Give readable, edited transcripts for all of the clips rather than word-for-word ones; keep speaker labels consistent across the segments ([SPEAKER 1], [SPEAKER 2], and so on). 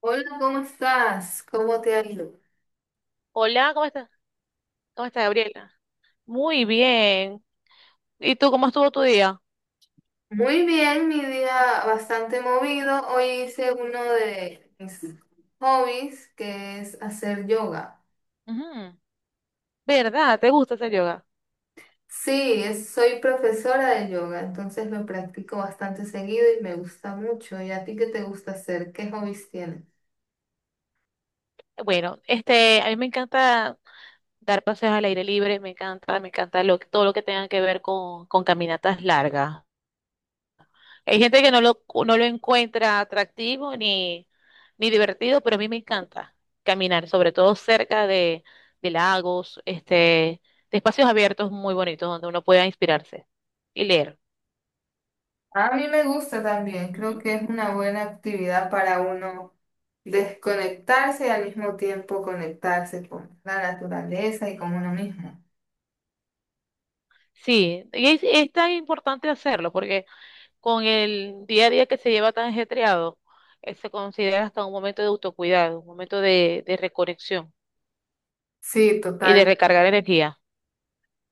[SPEAKER 1] Hola, ¿cómo estás? ¿Cómo te ha ido?
[SPEAKER 2] Hola, ¿cómo estás? ¿Cómo estás, Gabriela? Muy bien. ¿Y tú cómo estuvo tu día?
[SPEAKER 1] Muy bien, mi día bastante movido. Hoy hice uno de mis hobbies, que es hacer yoga.
[SPEAKER 2] Ujú. ¿Verdad? ¿Te gusta hacer yoga?
[SPEAKER 1] Sí, soy profesora de yoga, entonces lo practico bastante seguido y me gusta mucho. ¿Y a ti qué te gusta hacer? ¿Qué hobbies tienes?
[SPEAKER 2] Bueno, a mí me encanta dar paseos al aire libre, me encanta todo lo que tenga que ver con caminatas largas. Hay gente que no lo encuentra atractivo ni divertido, pero a mí me encanta caminar, sobre todo cerca de lagos, de espacios abiertos muy bonitos donde uno pueda inspirarse y leer.
[SPEAKER 1] A mí me gusta también, creo que es una buena actividad para uno desconectarse y al mismo tiempo conectarse con la naturaleza y con uno mismo.
[SPEAKER 2] Sí, y es tan importante hacerlo porque con el día a día que se lleva tan ajetreado, se considera hasta un momento de autocuidado, un momento de reconexión
[SPEAKER 1] Sí,
[SPEAKER 2] y de
[SPEAKER 1] totalmente.
[SPEAKER 2] recargar energía.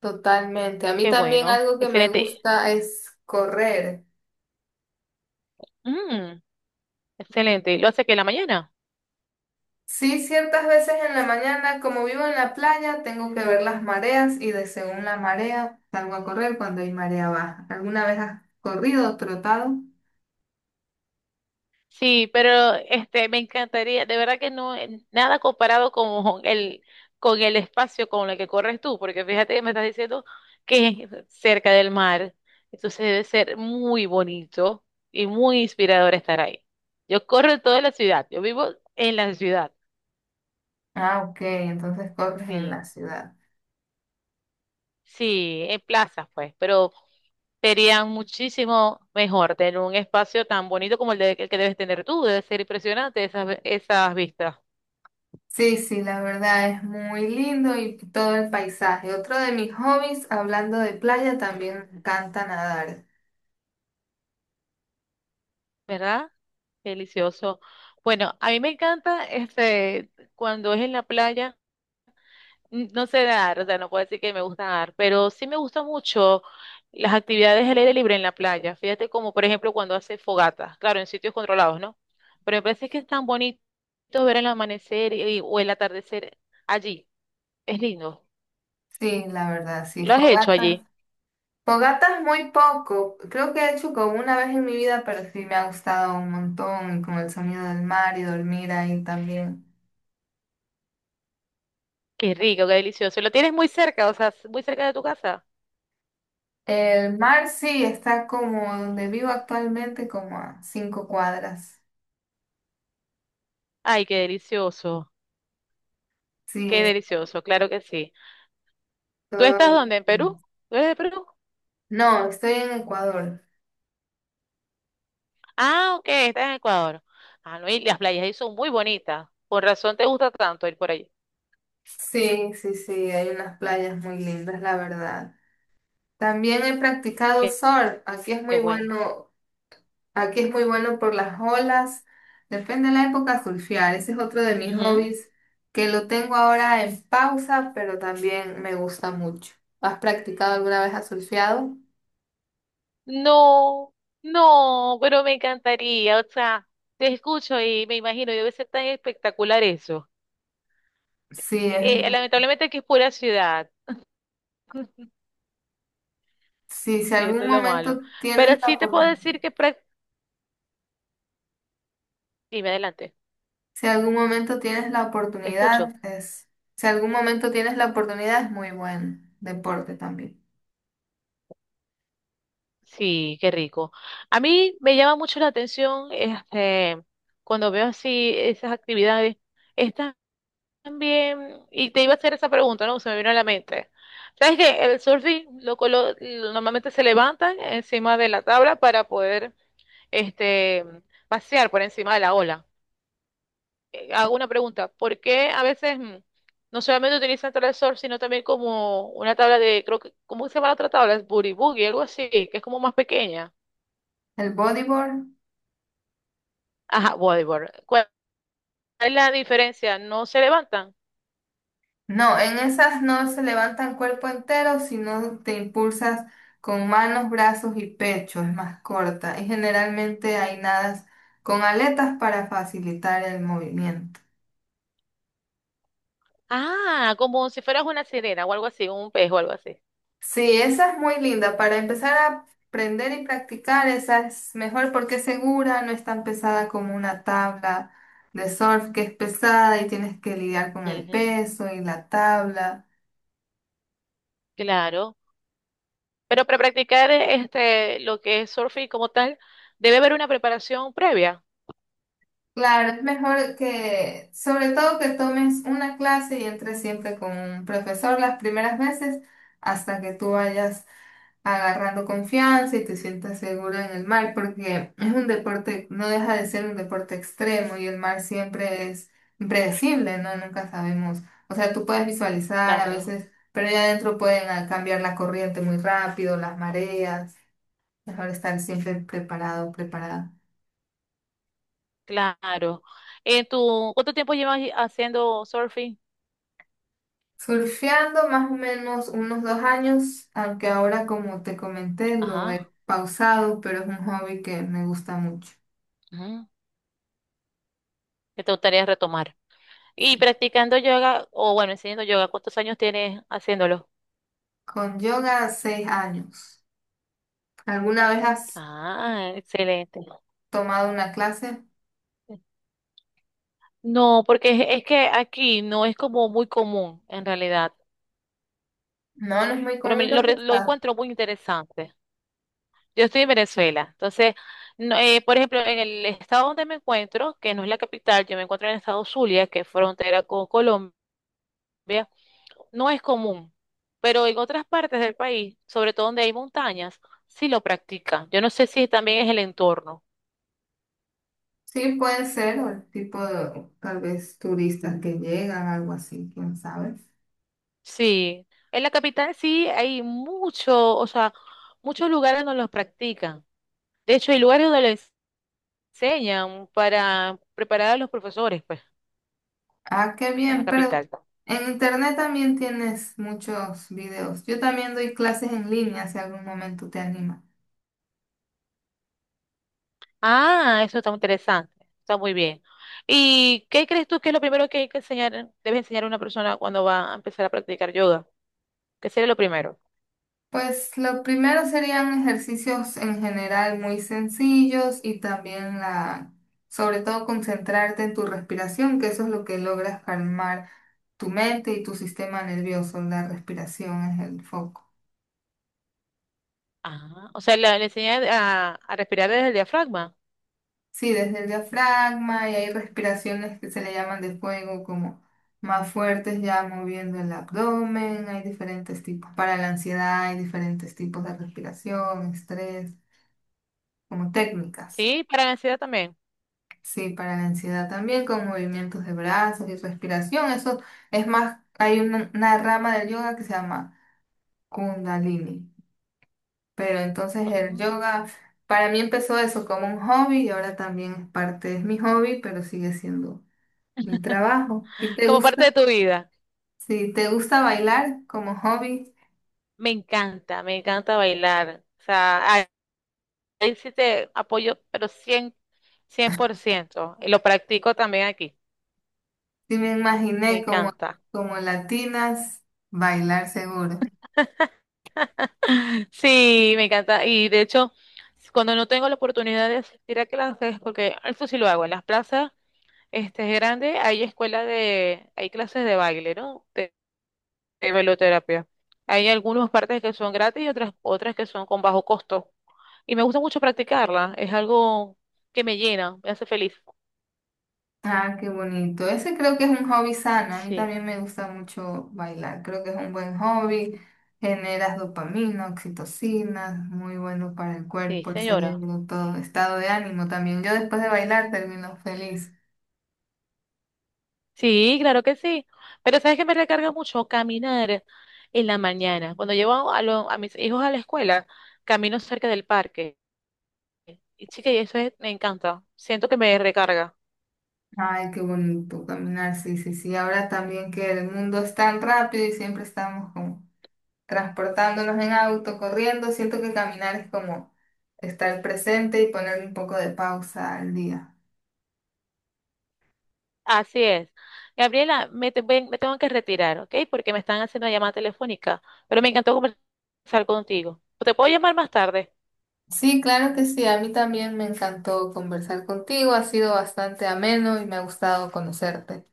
[SPEAKER 1] Totalmente. A mí
[SPEAKER 2] Qué
[SPEAKER 1] también
[SPEAKER 2] bueno,
[SPEAKER 1] algo que me
[SPEAKER 2] excelente.
[SPEAKER 1] gusta es correr.
[SPEAKER 2] Mm, excelente. ¿Lo hace que en la mañana?
[SPEAKER 1] Sí, ciertas veces en la mañana, como vivo en la playa, tengo que ver las mareas y de según la marea salgo a correr cuando hay marea baja. ¿Alguna vez has corrido o trotado?
[SPEAKER 2] Sí, pero me encantaría, de verdad que no, nada comparado con el espacio con el que corres tú, porque fíjate que me estás diciendo que es cerca del mar, entonces debe ser muy bonito y muy inspirador estar ahí. Yo corro en toda la ciudad, yo vivo en la ciudad,
[SPEAKER 1] Ah, ok, entonces corres en la
[SPEAKER 2] sí,
[SPEAKER 1] ciudad.
[SPEAKER 2] sí, en plazas pues, pero sería muchísimo mejor tener un espacio tan bonito como el que debes tener tú, debe ser impresionante esas vistas.
[SPEAKER 1] Sí, sí, la verdad es muy lindo y todo el paisaje. Otro de mis hobbies, hablando de playa, también me encanta nadar.
[SPEAKER 2] ¿Verdad? Delicioso. Bueno, a mí me encanta cuando es en la playa, no sé nadar, o sea, no puedo decir que me gusta nadar, pero sí me gusta mucho las actividades al aire libre en la playa. Fíjate como por ejemplo cuando hace fogata, claro, en sitios controlados, ¿no? Pero me parece que es tan bonito ver el amanecer o el atardecer allí. Es lindo.
[SPEAKER 1] Sí, la verdad, sí,
[SPEAKER 2] ¿Lo has hecho
[SPEAKER 1] fogata.
[SPEAKER 2] allí?
[SPEAKER 1] Fogatas muy poco. Creo que he hecho como una vez en mi vida, pero sí me ha gustado un montón, y con el sonido del mar y dormir ahí también.
[SPEAKER 2] Qué rico, qué delicioso. Lo tienes muy cerca, o sea, muy cerca de tu casa.
[SPEAKER 1] El mar sí está como donde vivo actualmente, como a 5 cuadras.
[SPEAKER 2] Ay,
[SPEAKER 1] Sí,
[SPEAKER 2] qué
[SPEAKER 1] es
[SPEAKER 2] delicioso, claro que sí. ¿Tú estás
[SPEAKER 1] todo-
[SPEAKER 2] dónde? ¿En Perú? ¿Tú eres de Perú?
[SPEAKER 1] No, estoy en Ecuador.
[SPEAKER 2] Ah, ok, estás en Ecuador. Ah, no, y las playas ahí son muy bonitas. Por razón te gusta tanto ir por allí.
[SPEAKER 1] Sí, sí, sí, hay unas playas muy lindas, la verdad. También he practicado
[SPEAKER 2] Qué,
[SPEAKER 1] surf. Aquí es
[SPEAKER 2] qué
[SPEAKER 1] muy
[SPEAKER 2] bueno.
[SPEAKER 1] bueno. Aquí es muy bueno por las olas. Depende de la época surfear. Ese es otro de mis
[SPEAKER 2] Ujú.
[SPEAKER 1] hobbies que lo tengo ahora en pausa, pero también me gusta mucho. ¿Has practicado alguna vez? ¿Has surfeado?
[SPEAKER 2] No, no, pero me encantaría. O sea, te escucho y me imagino, debe ser tan espectacular eso.
[SPEAKER 1] Sí, es muy...
[SPEAKER 2] Lamentablemente aquí es pura ciudad,
[SPEAKER 1] Sí, si
[SPEAKER 2] y esto
[SPEAKER 1] algún
[SPEAKER 2] es lo malo.
[SPEAKER 1] momento
[SPEAKER 2] Pero
[SPEAKER 1] tienes la
[SPEAKER 2] sí te puedo
[SPEAKER 1] oportunidad,
[SPEAKER 2] decir que... Dime adelante,
[SPEAKER 1] si algún momento tienes la
[SPEAKER 2] te escucho.
[SPEAKER 1] oportunidad, es... Si algún momento tienes la oportunidad, es muy buen deporte también.
[SPEAKER 2] Sí, qué rico. A mí me llama mucho la atención cuando veo así esas actividades. Están bien, y te iba a hacer esa pregunta, ¿no? Se me vino a la mente. ¿Sabes que el surfing normalmente se levantan encima de la tabla para poder este, pasear por encima de la ola? Hago una pregunta, ¿por qué a veces no solamente utilizan tabla de surf, sino también como una tabla de, creo que, ¿cómo se llama la otra tabla? Es boogie boogie, algo así, que es como más pequeña.
[SPEAKER 1] El bodyboard.
[SPEAKER 2] Ajá, bodyboard. ¿Cuál es la diferencia? ¿No se levantan?
[SPEAKER 1] No, en esas no se levanta el cuerpo entero, sino te impulsas con manos, brazos y pecho, es más corta. Y generalmente hay nadas con aletas para facilitar el movimiento.
[SPEAKER 2] Ah, como si fueras una sirena o algo así, un pez o algo así.
[SPEAKER 1] Sí, esa es muy linda. Para empezar a aprender y practicar, esa es mejor porque es segura, no es tan pesada como una tabla de surf que es pesada y tienes que lidiar con el
[SPEAKER 2] Ujú,
[SPEAKER 1] peso y la tabla.
[SPEAKER 2] claro. Pero para practicar lo que es surfing como tal, debe haber una preparación previa.
[SPEAKER 1] Claro, es mejor que, sobre todo que tomes una clase y entres siempre con un profesor las primeras veces hasta que tú vayas agarrando confianza y te sientas seguro en el mar, porque es un deporte, no deja de ser un deporte extremo y el mar siempre es impredecible, ¿no? Nunca sabemos. O sea, tú puedes visualizar a
[SPEAKER 2] Claro,
[SPEAKER 1] veces, pero ya adentro pueden cambiar la corriente muy rápido, las mareas. Mejor estar siempre preparado, preparada.
[SPEAKER 2] claro. ¿Cuánto tiempo llevas haciendo surfing?
[SPEAKER 1] Surfeando más o menos unos 2 años, aunque ahora como te comenté lo
[SPEAKER 2] Ajá,
[SPEAKER 1] he pausado, pero es un hobby que me gusta mucho.
[SPEAKER 2] ujú, que te gustaría retomar. Y
[SPEAKER 1] Sí.
[SPEAKER 2] practicando yoga, o bueno, enseñando yoga, ¿cuántos años tienes haciéndolo?
[SPEAKER 1] Con yoga, 6 años. ¿Alguna vez has
[SPEAKER 2] Ah, excelente.
[SPEAKER 1] tomado una clase?
[SPEAKER 2] No, porque es que aquí no es como muy común en realidad,
[SPEAKER 1] No, no es muy
[SPEAKER 2] pero
[SPEAKER 1] común. ¿Dónde
[SPEAKER 2] lo
[SPEAKER 1] estás?
[SPEAKER 2] encuentro muy interesante. Yo estoy en Venezuela, entonces, no, por ejemplo, en el estado donde me encuentro, que no es la capital, yo me encuentro en el estado Zulia, que es frontera con Colombia, no es común, pero en otras partes del país, sobre todo donde hay montañas, sí lo practican. Yo no sé si también es el entorno.
[SPEAKER 1] Sí, puede ser, o el tipo de, tal vez, turistas que llegan, algo así, quién sabe.
[SPEAKER 2] Sí, en la capital sí hay mucho, o sea, muchos lugares donde los practican. De hecho, hay lugares donde le enseñan para preparar a los profesores, pues,
[SPEAKER 1] Ah, qué
[SPEAKER 2] en la
[SPEAKER 1] bien, pero
[SPEAKER 2] capital.
[SPEAKER 1] en internet también tienes muchos videos. Yo también doy clases en línea, si algún momento te animas.
[SPEAKER 2] Ah, eso está muy interesante, está muy bien. ¿Y qué crees tú que es lo primero que hay que enseñar, debe enseñar a una persona cuando va a empezar a practicar yoga? ¿Qué sería lo primero?
[SPEAKER 1] Pues lo primero serían ejercicios en general muy sencillos y también la, sobre todo concentrarte en tu respiración, que eso es lo que logras calmar tu mente y tu sistema nervioso. La respiración es el foco.
[SPEAKER 2] Ah, o sea, le enseñan a, respirar desde el diafragma,
[SPEAKER 1] Sí, desde el diafragma y hay respiraciones que se le llaman de fuego, como más fuertes ya moviendo el abdomen. Hay diferentes tipos. Para la ansiedad hay diferentes tipos de respiración, estrés, como técnicas.
[SPEAKER 2] ¿sí? Para la ansiedad también.
[SPEAKER 1] Sí, para la ansiedad también, con movimientos de brazos y respiración. Eso es más, hay una rama del yoga que se llama Kundalini. Pero entonces el
[SPEAKER 2] Ah.
[SPEAKER 1] yoga, para mí empezó eso como un hobby y ahora también es parte, es mi hobby, pero sigue siendo un trabajo. ¿Y te
[SPEAKER 2] Como parte de
[SPEAKER 1] gusta?
[SPEAKER 2] tu vida.
[SPEAKER 1] Si te gusta bailar como hobby,
[SPEAKER 2] Me encanta bailar. O sea, ahí sí te apoyo, pero cien por ciento y lo practico también aquí.
[SPEAKER 1] sí me
[SPEAKER 2] Me
[SPEAKER 1] imaginé como,
[SPEAKER 2] encanta.
[SPEAKER 1] como latinas, bailar seguro.
[SPEAKER 2] Sí, me encanta. Y de hecho, cuando no tengo la oportunidad de asistir a clases, porque eso sí lo hago, en las plazas grandes hay clases de baile, ¿no? De bailoterapia. Hay algunas partes que son gratis y otras que son con bajo costo. Y me gusta mucho practicarla. Es algo que me llena, me hace feliz.
[SPEAKER 1] Ah, qué bonito. Ese creo que es un hobby sano. A mí
[SPEAKER 2] Sí,
[SPEAKER 1] también me gusta mucho bailar. Creo que es un buen hobby. Generas dopamina, oxitocina, muy bueno para el
[SPEAKER 2] sí,
[SPEAKER 1] cuerpo, el
[SPEAKER 2] señora.
[SPEAKER 1] cerebro, todo. Estado de ánimo también. Yo después de bailar termino feliz.
[SPEAKER 2] Sí, claro que sí. Pero sabes que me recarga mucho caminar en la mañana. Cuando llevo a, a mis hijos a la escuela, camino cerca del parque. Y chica, y eso me encanta. Siento que me recarga.
[SPEAKER 1] Ay, qué bonito caminar. Sí, sí, sí. Ahora también que el mundo es tan rápido y siempre estamos como transportándonos en auto, corriendo. Siento que caminar es como estar presente y ponerle un poco de pausa al día.
[SPEAKER 2] Así es. Gabriela, me tengo que retirar, ¿ok? Porque me están haciendo una llamada telefónica. Pero me encantó conversar contigo. ¿Te puedo llamar más tarde?
[SPEAKER 1] Sí, claro que sí. A mí también me encantó conversar contigo. Ha sido bastante ameno y me ha gustado conocerte.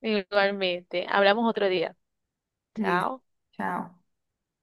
[SPEAKER 2] Igualmente. Hablamos otro día.
[SPEAKER 1] Sí,
[SPEAKER 2] Chao.
[SPEAKER 1] chao.